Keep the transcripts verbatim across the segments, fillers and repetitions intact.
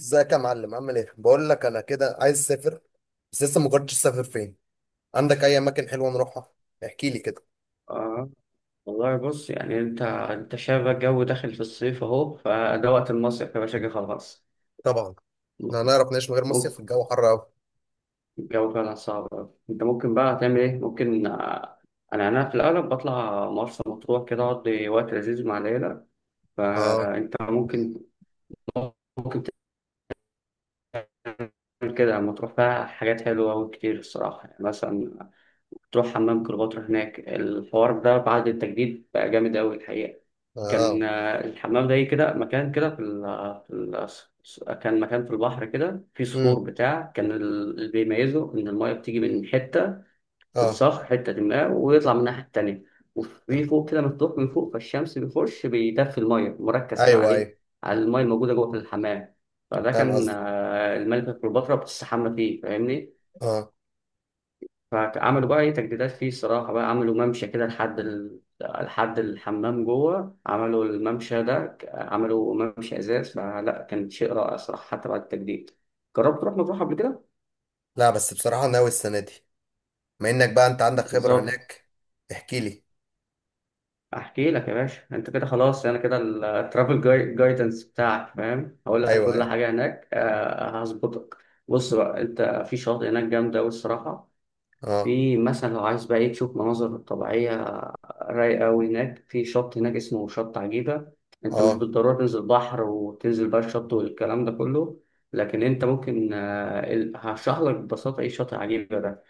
ازيك يا معلم، عامل ايه؟ بقول لك انا كده عايز اسافر بس لسه ما قررتش اسافر فين. عندك اي اماكن حلوه نروحها؟ احكي لي كده. آه. والله بص، يعني انت انت شايف الجو داخل في الصيف اهو، فده وقت المصيف يا باشا، جه خلاص. طبعا. احنا هنعرف نعيش من غير مصيف؟ ممكن، الجو حر قوي. الجو فعلا صعب أوي. انت ممكن بقى تعمل ايه؟ ممكن آه، انا انا في الاغلب بطلع مرسى مطروح كده، اقضي وقت لذيذ مع العيله. اه فانت ممكن ممكن تعمل كده لما تروح، فيها حاجات حلوه وكتير الصراحه، يعني مثلا تروح حمام كليوباترا. هناك الحوار ده بعد التجديد بقى جامد أوي الحقيقة. كان اه. آه، الحمام ده إيه كده، مكان كده في ال في ال كان مكان في البحر كده، في امم. صخور بتاع، كان ال- اللي بيميزه إن الماية بتيجي من حتة في اه. الصخر، حتة ما، ويطلع من الناحية التانية، وفي تمام. فوق كده مفتوح من فوق، فالشمس بيخش بيدفي الماية، مركز كده ايوه عليه، ايوه. على الماية الموجودة جوه في الحمام. فده فاهم كان قصدي. آه، الملكة كليوباترا بتستحمى فيه، فاهمني. اه. فعملوا بقى ايه، تجديدات فيه الصراحة بقى، عملوا ممشى كده لحد ال... لحد الحمام جوه، عملوا الممشى ده ك- عملوا ممشى ازاز فلا، كان شيء رائع صراحة حتى بعد التجديد. جربت تروح مطروح قبل كده؟ لا بس بصراحه ناوي السنه دي. بما انك بقى انت عندك خبره بالظبط. هناك احكي لي. احكي لك يا باشا، انت كده خلاص، انا كده الترافل جايدنس بتاعك فاهم، هقول لك ايوه كل ايوه. حاجة هناك، آه، هظبطك. بص بقى، انت في شاطئ هناك جامدة أوي الصراحة. اه في مثلا لو عايز بقى إيه تشوف مناظر طبيعية رايقة أوي، هناك في شط هناك اسمه شط عجيبة. أنت مش اه بالضرورة تنزل بحر، وتنزل بقى الشط والكلام ده كله، لكن أنت ممكن آه، ال- هشرح لك ببساطة إيه شط عجيبة ده.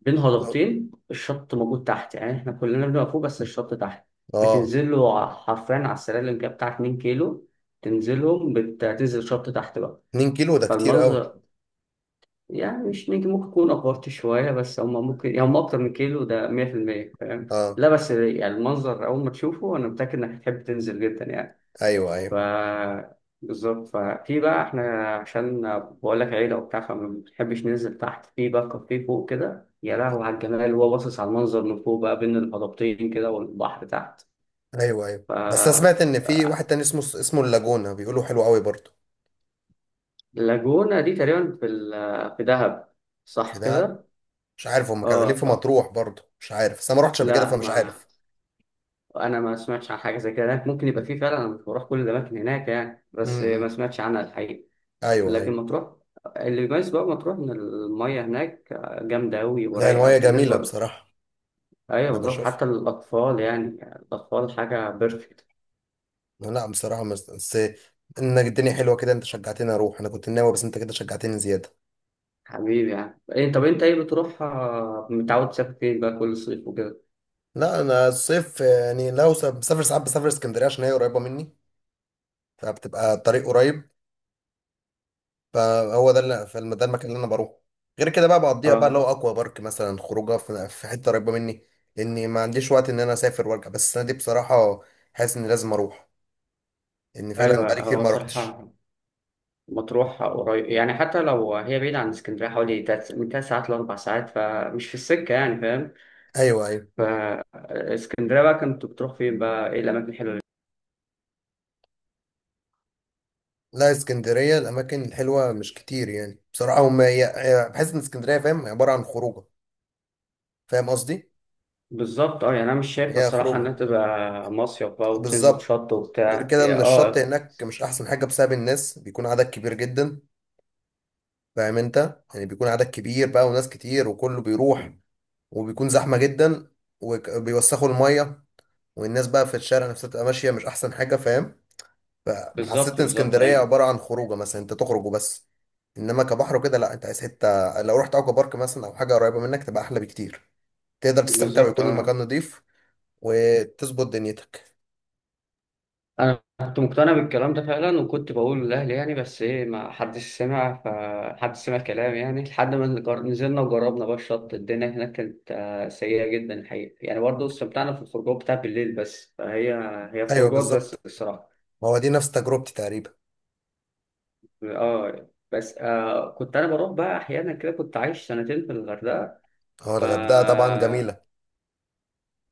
بين اه. هضبتين الشط موجود تحت، يعني إحنا كلنا بنبقى فوق بس الشط تحت. آه. بتنزل له ع- حرفيا على السلالم كده بتاع اتنين كيلو، تنزلهم، بت- بتنزل الشط تحت بقى. اتنين كيلو ده كتير قوي. فالمنظر، يعني مش نجم، ممكن يكون افورت شويه، بس هم ممكن يعني هم اكتر من كيلو ده مية في المية، فاهم؟ اه. لا بس يعني المنظر اول ما تشوفه انا متاكد انك هتحب تنزل جدا يعني. ايوه ف ايوه. بالظبط. ففي بقى، احنا عشان بقول لك عيله وبتاع، فما بنحبش ننزل تحت، في بقى كافيه فوق كده، يا لهوي على الجمال، وهو باصص على المنظر من فوق بقى، بين الهضبتين كده والبحر تحت. ايوه ايوه بس انا ف سمعت ان في واحد تاني اسمه اسمه اللاجونا بيقولوا حلو قوي برضه. اللاجونة دي تقريبا في ال- في دهب، في صح دهب، كده؟ مش عارف هم كانوا ليه في اه. مطروح برضه، مش عارف بس انا ما رحتش قبل كده لا فمش ما عارف. انا ما سمعتش عن حاجه زي كده هناك، ممكن يبقى فيه فعلا، انا مش بروح كل الاماكن هناك يعني، بس ما امم. سمعتش عنها الحقيقه. ايوه ايوه. لكن مطروح، اللي بيميز بقى مطروح ان الميه هناك جامده قوي لا ورايقه المايه جميله بالنسبه. بصراحه. ايوه انا بالظبط، بشوفها. حتى الاطفال يعني، الاطفال حاجه بيرفكت. لا بصراحه مس- بس انك الدنيا حلوه كده، انت شجعتني اروح. انا كنت ناوي بس انت كده شجعتني زياده. حبيبي، يعني إيه، طب انت ايه بتروح آه، متعود تسافر فين بقى كل صيف وكده؟ لا انا الصيف يعني لو س- بسافر ساعات، بسافر اسكندريه عشان هي قريبه مني. فبتبقى الطريق قريب. فهو ده اللي فالم- ده المكان اللي انا بروحه. غير كده بقى بقضيها بقى لو اه. اكوا بارك مثلا، خروجه في في حته قريبه مني لاني ما عنديش وقت ان انا اسافر وارجع. بس السنه دي بصراحه حاسس اني لازم اروح لان فعلا بقالي ايوه كتير هو ما روحتش. صراحه، مطروح قريب، يعني حتى لو هي بعيدة عن اسكندرية حوالي تلات- من تلات ساعات لأربع ساعات، فمش في السكة يعني، فاهم؟ ايوه ايوه. فاسكندريه بقى كنت بتروح فين بقى، ايه الاماكن الحلوه اللي- لا اسكندريه الاماكن الحلوه مش كتير يعني، بصراحه هم هي هي- بحس ان اسكندريه فاهم عباره عن خروجه. فاهم قصدي. بالظبط اه، يعني انا مش شايف هي الصراحه خروجه. انها تبقى مصيف بقى وبتنزل بالظبط. شط غير وبتاع، كده هي ان الشط اه، هناك مش احسن حاجه بسبب الناس، بيكون عدد كبير جدا. فاهم انت يعني، بيكون عدد كبير بقى وناس كتير وكله بيروح، وبيكون زحمه جدا وبيوسخوا الميه، والناس بقى في الشارع نفسها تبقى ماشيه مش احسن حاجه فاهم. بالظبط فحسيت ان بالظبط، اسكندريه ايوه، عباره عن خروجه، مثلا انت تخرج وبس. انما كبحر وكده لا، انت عايز حته لو رحت اوكا بارك مثلا او حاجه قريبه منك تبقى احلى بكتير. تقدر تستمتع بالظبط ويكون المكان اه. نضيف وتظبط دنيتك. انا كنت مقتنع بالكلام ده فعلا، وكنت بقول لاهلي يعني، بس ايه، ما حدش سمع، فحد سمع كلام يعني، لحد ما نجر- نزلنا وجربنا بقى الشط. الدنيا هناك كانت آه، سيئه جدا الحقيقه، يعني برضه استمتعنا في الخروجات بتاع بالليل بس، فهي هي ايوه خروجات بس بالظبط، الصراحه. ما هو دي نفس تجربتي تقريبا. اه بس آه كنت انا بروح بقى احيانا كده، كنت عايش سنتين في الغردقه. هو ف الغردقه طبعا جميله.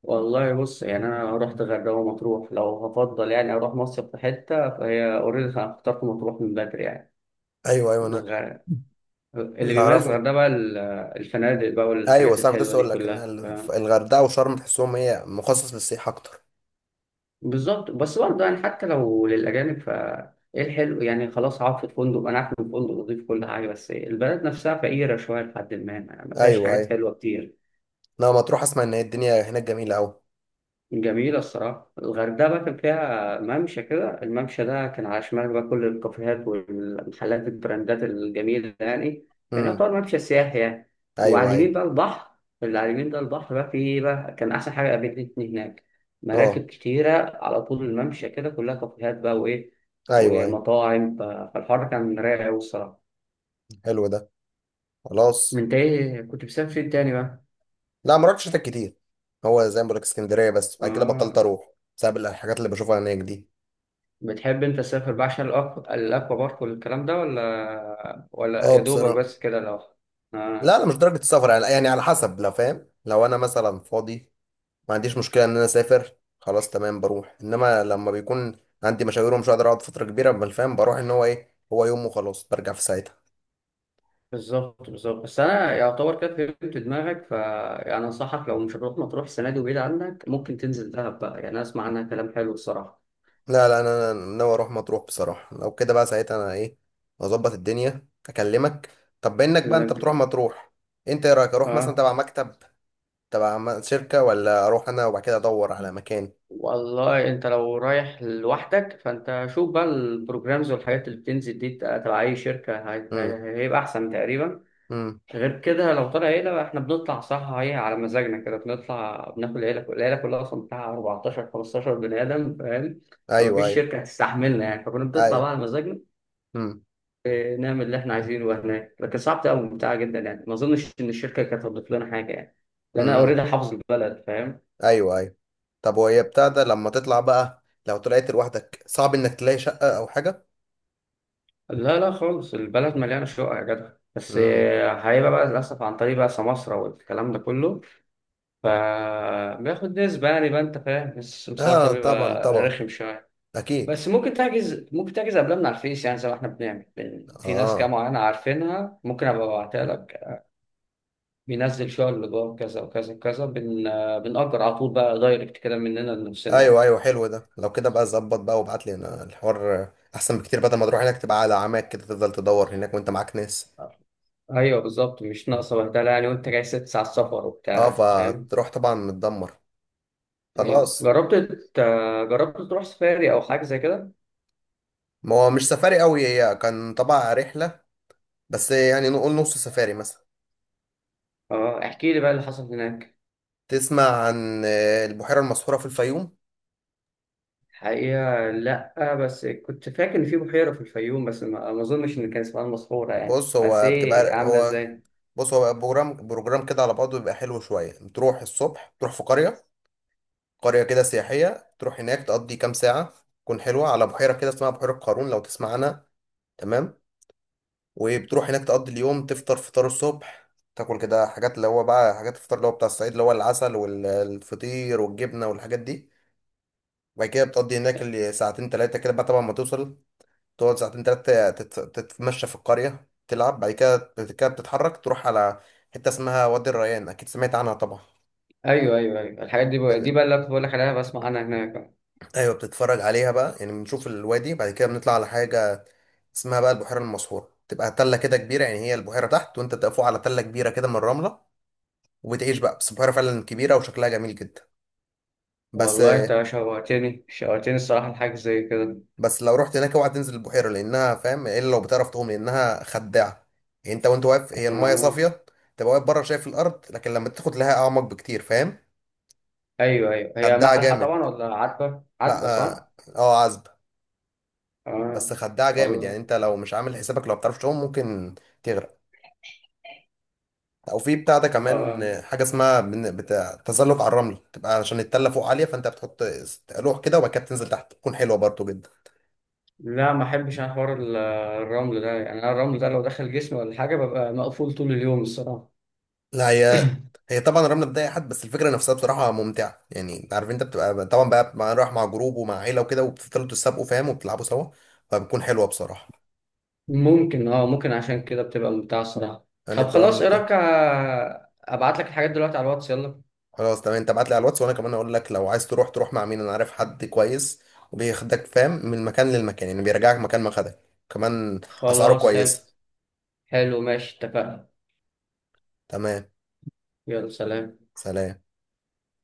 والله بص، يعني انا رحت الغردقه ومطروح، لو هفضل يعني اروح مصيف في حته، فهي اوريدي انا اخترت مطروح من بدري يعني. ايوه ايوه انا. الغ- اللي اللي بيميز اعرفه، الغردقه بقى ال- الفنادق بقى، ايوه والحاجات صح كنت الحلوه لسه دي اقول لك ان كلها ف... الغردقه وشرم تحسهم هي مخصص للسياحه اكتر. بالظبط، بس برضه يعني حتى لو للاجانب. ف ايه الحلو يعني؟ خلاص، اقعد في الفندق، انا عارف ان الفندق نضيف كل حاجه، بس البلد نفسها فقيره شويه، لحد ما ما فيهاش ايوه حاجات ايوه. حلوه كتير. لا ما تروح، اسمع ان هي الدنيا هناك جميله قوي. جميلة الصراحة، الغردقة بقى كان فيها ممشى كده، الممشى ده كان على شمال بقى كل الكافيهات والمحلات البراندات الجميلة يعني، كان امم. يعتبر ممشى سياحي يعني. وعلى ايوه اليمين ايوه. بقى البحر، اللي على اليمين ده البحر بقى، فيه بقى كان أحسن حاجة قابلتني هناك، اه. مراكب كتيرة على طول الممشى كده، كلها كافيهات بقى، وإيه، ايوه ايوه. ومطاعم، ف- فالحر كان رايق أوي الصراحة. حلو ده. خلاص. من إنت إيه كنت بتسافر فين تاني بقى؟ لا ما رحتش هناك كتير. هو زي ما بقولك اسكندريه، بس بعد كده بطلت آه. اروح بسبب الحاجات اللي بشوفها هناك دي. بتحب انت تسافر بقى عشان الأك- الاكوا بارك والكلام ده، ولا ولا اه يا دوبك بصراحه. بس كده لو؟ آه. لا لا مش درجه السفر يعني، يعني على حسب لو فاهم، لو انا مثلا فاضي ما عنديش مشكله ان انا اسافر خلاص تمام بروح. انما لما بيكون عندي مشاوير ومش هقدر اقعد فتره كبيره بالفهم بروح ان هو ايه، هو يوم وخلاص برجع في ساعتها. بالظبط بالظبط، بس انا يعتبر كده فهمت دماغك. ف يعني انصحك، لو مش هتروح مطروح السنه دي وبعيد عنك، ممكن تنزل دهب بقى، يعني أنا اسمع عنها كلام حلو الصراحه. لا لا انا أنا ناوي اروح مطروح بصراحه. لو كده بقى ساعتها انا ايه، اظبط الدنيا اكلمك. طب بانك بقى انت بتروح لك- مطروح، انت ايه رايك اروح مثلا اه تبع مكتب، تبع م- شركه، ولا اروح انا وبعد كده ادور على مكان؟ والله، انت لو رايح لوحدك فانت شوف بقى البروجرامز والحاجات اللي بتنزل دي تبع اي شركه، هي- امم. هي- هيبقى احسن تقريبا. امم. غير كده، لو طلع عيلة بقى، احنا بنطلع صح، هي على مزاجنا كده، بنطلع بناكل عيلة، كل- العيلة كلها أصلا بتاع اربعتاشر خمستاشر بني آدم، فاهم؟ ايوه فمفيش ايوه. شركة هتستحملنا يعني، فكنا بنطلع ايوه. بقى على مزاجنا، امم. اه، نعمل اللي احنا عايزينه. وهناك لكن صعب أوي، ممتعة جدا يعني، ما أظنش إن الشركة كانت هتضيف لنا حاجة يعني، لأن أنا امم. أوريدي حافظ البلد، فاهم. ايوه ايوه. طب وهي بتاع ده لما تطلع بقى لو طلعت لوحدك، صعب انك تلاقي شقه او حاجه؟ لا لا خالص، البلد مليانة شقق يا جدع، بس امم. اه، هيبقى بقى للأسف عن طريق بقى سماسرة والكلام ده كله، فبياخد نسبة يعني بقى، أنت فاهم، بس السمسار ده اه طبعا بيبقى طبعا، رخم شوية. بس اكيد. ممكن تحجز، ممكن تحجز قبلها من على الفيس، يعني زي ما احنا بنعمل، بن... في ناس كده اه. معينة عارفينها، ممكن ابقى ابعتها لك. بينزل شغل جوه كذا وكذا وكذا، بن... بنأجر على طول بقى، دايركت كده مننا لنفسنا ايوه يعني. ايوه. حلو ده، لو كده بقى ظبط بقى وابعت لي انا الحوار احسن بكتير بدل ما تروح هناك تبقى على عماك كده تفضل تدور هناك وانت معاك ناس. ايوه بالظبط، مش ناقصه بهدله يعني، وانت جاي ست ساعات سفر اه وبتاع، فاهم؟ فتروح طبعا متدمر. ايوه. خلاص. جربت ت- جربت تروح سفاري او حاجه زي كده؟ ما هو مش سفاري قوي، هي كان طبعا رحله بس يعني نقول نص سفاري مثلا. اه، احكي لي بقى اللي حصل هناك. تسمع عن آه، البحيره المسحوره في الفيوم؟ الحقيقه لا، بس كنت فاكر ان في بحيره في الفيوم، بس ما ما اظنش ان كان اسمها المسحوره يعني، بص بس هو ايه بتبقى عامله هو ازاي؟ بص هو بروجرام بروجرام كده على بعضه بيبقى حلو شويه. تروح الصبح، تروح في قريه، قرية كده سياحية، تروح هناك تقضي كام ساعة، تكون حلوة على بحيرة كده اسمها بحيرة قارون، لو تسمع عنها. تمام. وبتروح هناك تقضي اليوم، تفطر فطار الصبح، تاكل كده حاجات اللي هو بقى حاجات الفطار اللي هو بتاع الصعيد اللي هو العسل والفطير والجبنة والحاجات دي. وبعد كده بتقضي هناك اللي ساعتين تلاتة كده بقى، طبعا ما توصل تقعد ساعتين تلاتة تت- تتمشى في القرية تلعب. بعد كده بعد كده بتتحرك تروح على حتة اسمها وادي الريان، أكيد سمعت عنها طبعا. ايوه ايوه ايوه، الحاجات دي بقى، دي بقى اللي كنت بقول لك عليها، بسمع عنها هناك بقى. ايوه بتتفرج عليها بقى يعني، بنشوف الوادي. بعد كده بنطلع على حاجه اسمها بقى البحيره المسحوره، تبقى تله كده كبيره، يعني هي البحيره تحت وانت تقف فوق على تله كبيره كده من الرمله، وبتعيش بقى. بس البحيره فعلا كبيره وشكلها جميل جدا بس. والله انت شوقتني شوقتني الصراحه لحاجه زي كده. بس لو رحت هناك اوعى تنزل البحيره، لانها فاهم الا لو بتعرف تعوم، لانها خداعه. يعني انت وانت واقف هي المايه آه. صافيه، تبقى واقف بره شايف الارض لكن لما تاخد لها اعمق بكتير فاهم. ايوه ايوه، هي خداعه مالحه طبعا جامد. ولا عذبه؟ لا عذبه، صح؟ اه. آه، عذبه. بس اه خداعه جامد، يعني والله. انت لو مش عامل حسابك لو بتعرفش تعوم ممكن تغرق. او في بتاع ده كمان آه. حاجه اسمها بن- بتاع تزلج على الرمل، تبقى عشان التله فوق عاليه فانت بتحط لوح كده وبعد كده بتنزل تحت، تكون حلوه برضو جدا. لا، ما احبش انا حوار ال- الرمل ده، يعني انا الرمل ده لو دخل جسمي ولا حاجه ببقى مقفول طول اليوم الصراحه. لا هي، هي طبعا الرمله بتضايق حد بس الفكره نفسها بصراحه ممتعه يعني. انت عارف انت بتبقى طبعا بقى مع، رايح مع جروب ومع عيله وكده وبتفضلوا تسابقوا فاهم وبتلعبوا سوا، فبتكون حلوه بصراحه. ممكن، اه، ممكن عشان كده بتبقى ممتعه الصراحه. يعني طب بتبقى خلاص، ايه ممتعه. رايك آه، ابعت لك الحاجات دلوقتي على الواتس، يلا. خلاص تمام، انت ابعت لي على الواتس وانا كمان اقول لك لو عايز تروح تروح مع مين، انا عارف حد كويس وبياخدك فاهم من مكان للمكان يعني، بيرجعك مكان ما خدك كمان. اسعاره خلاص، حلو كويسه. حلو، ماشي اتفقنا. تمام. يلا سلام. سلام.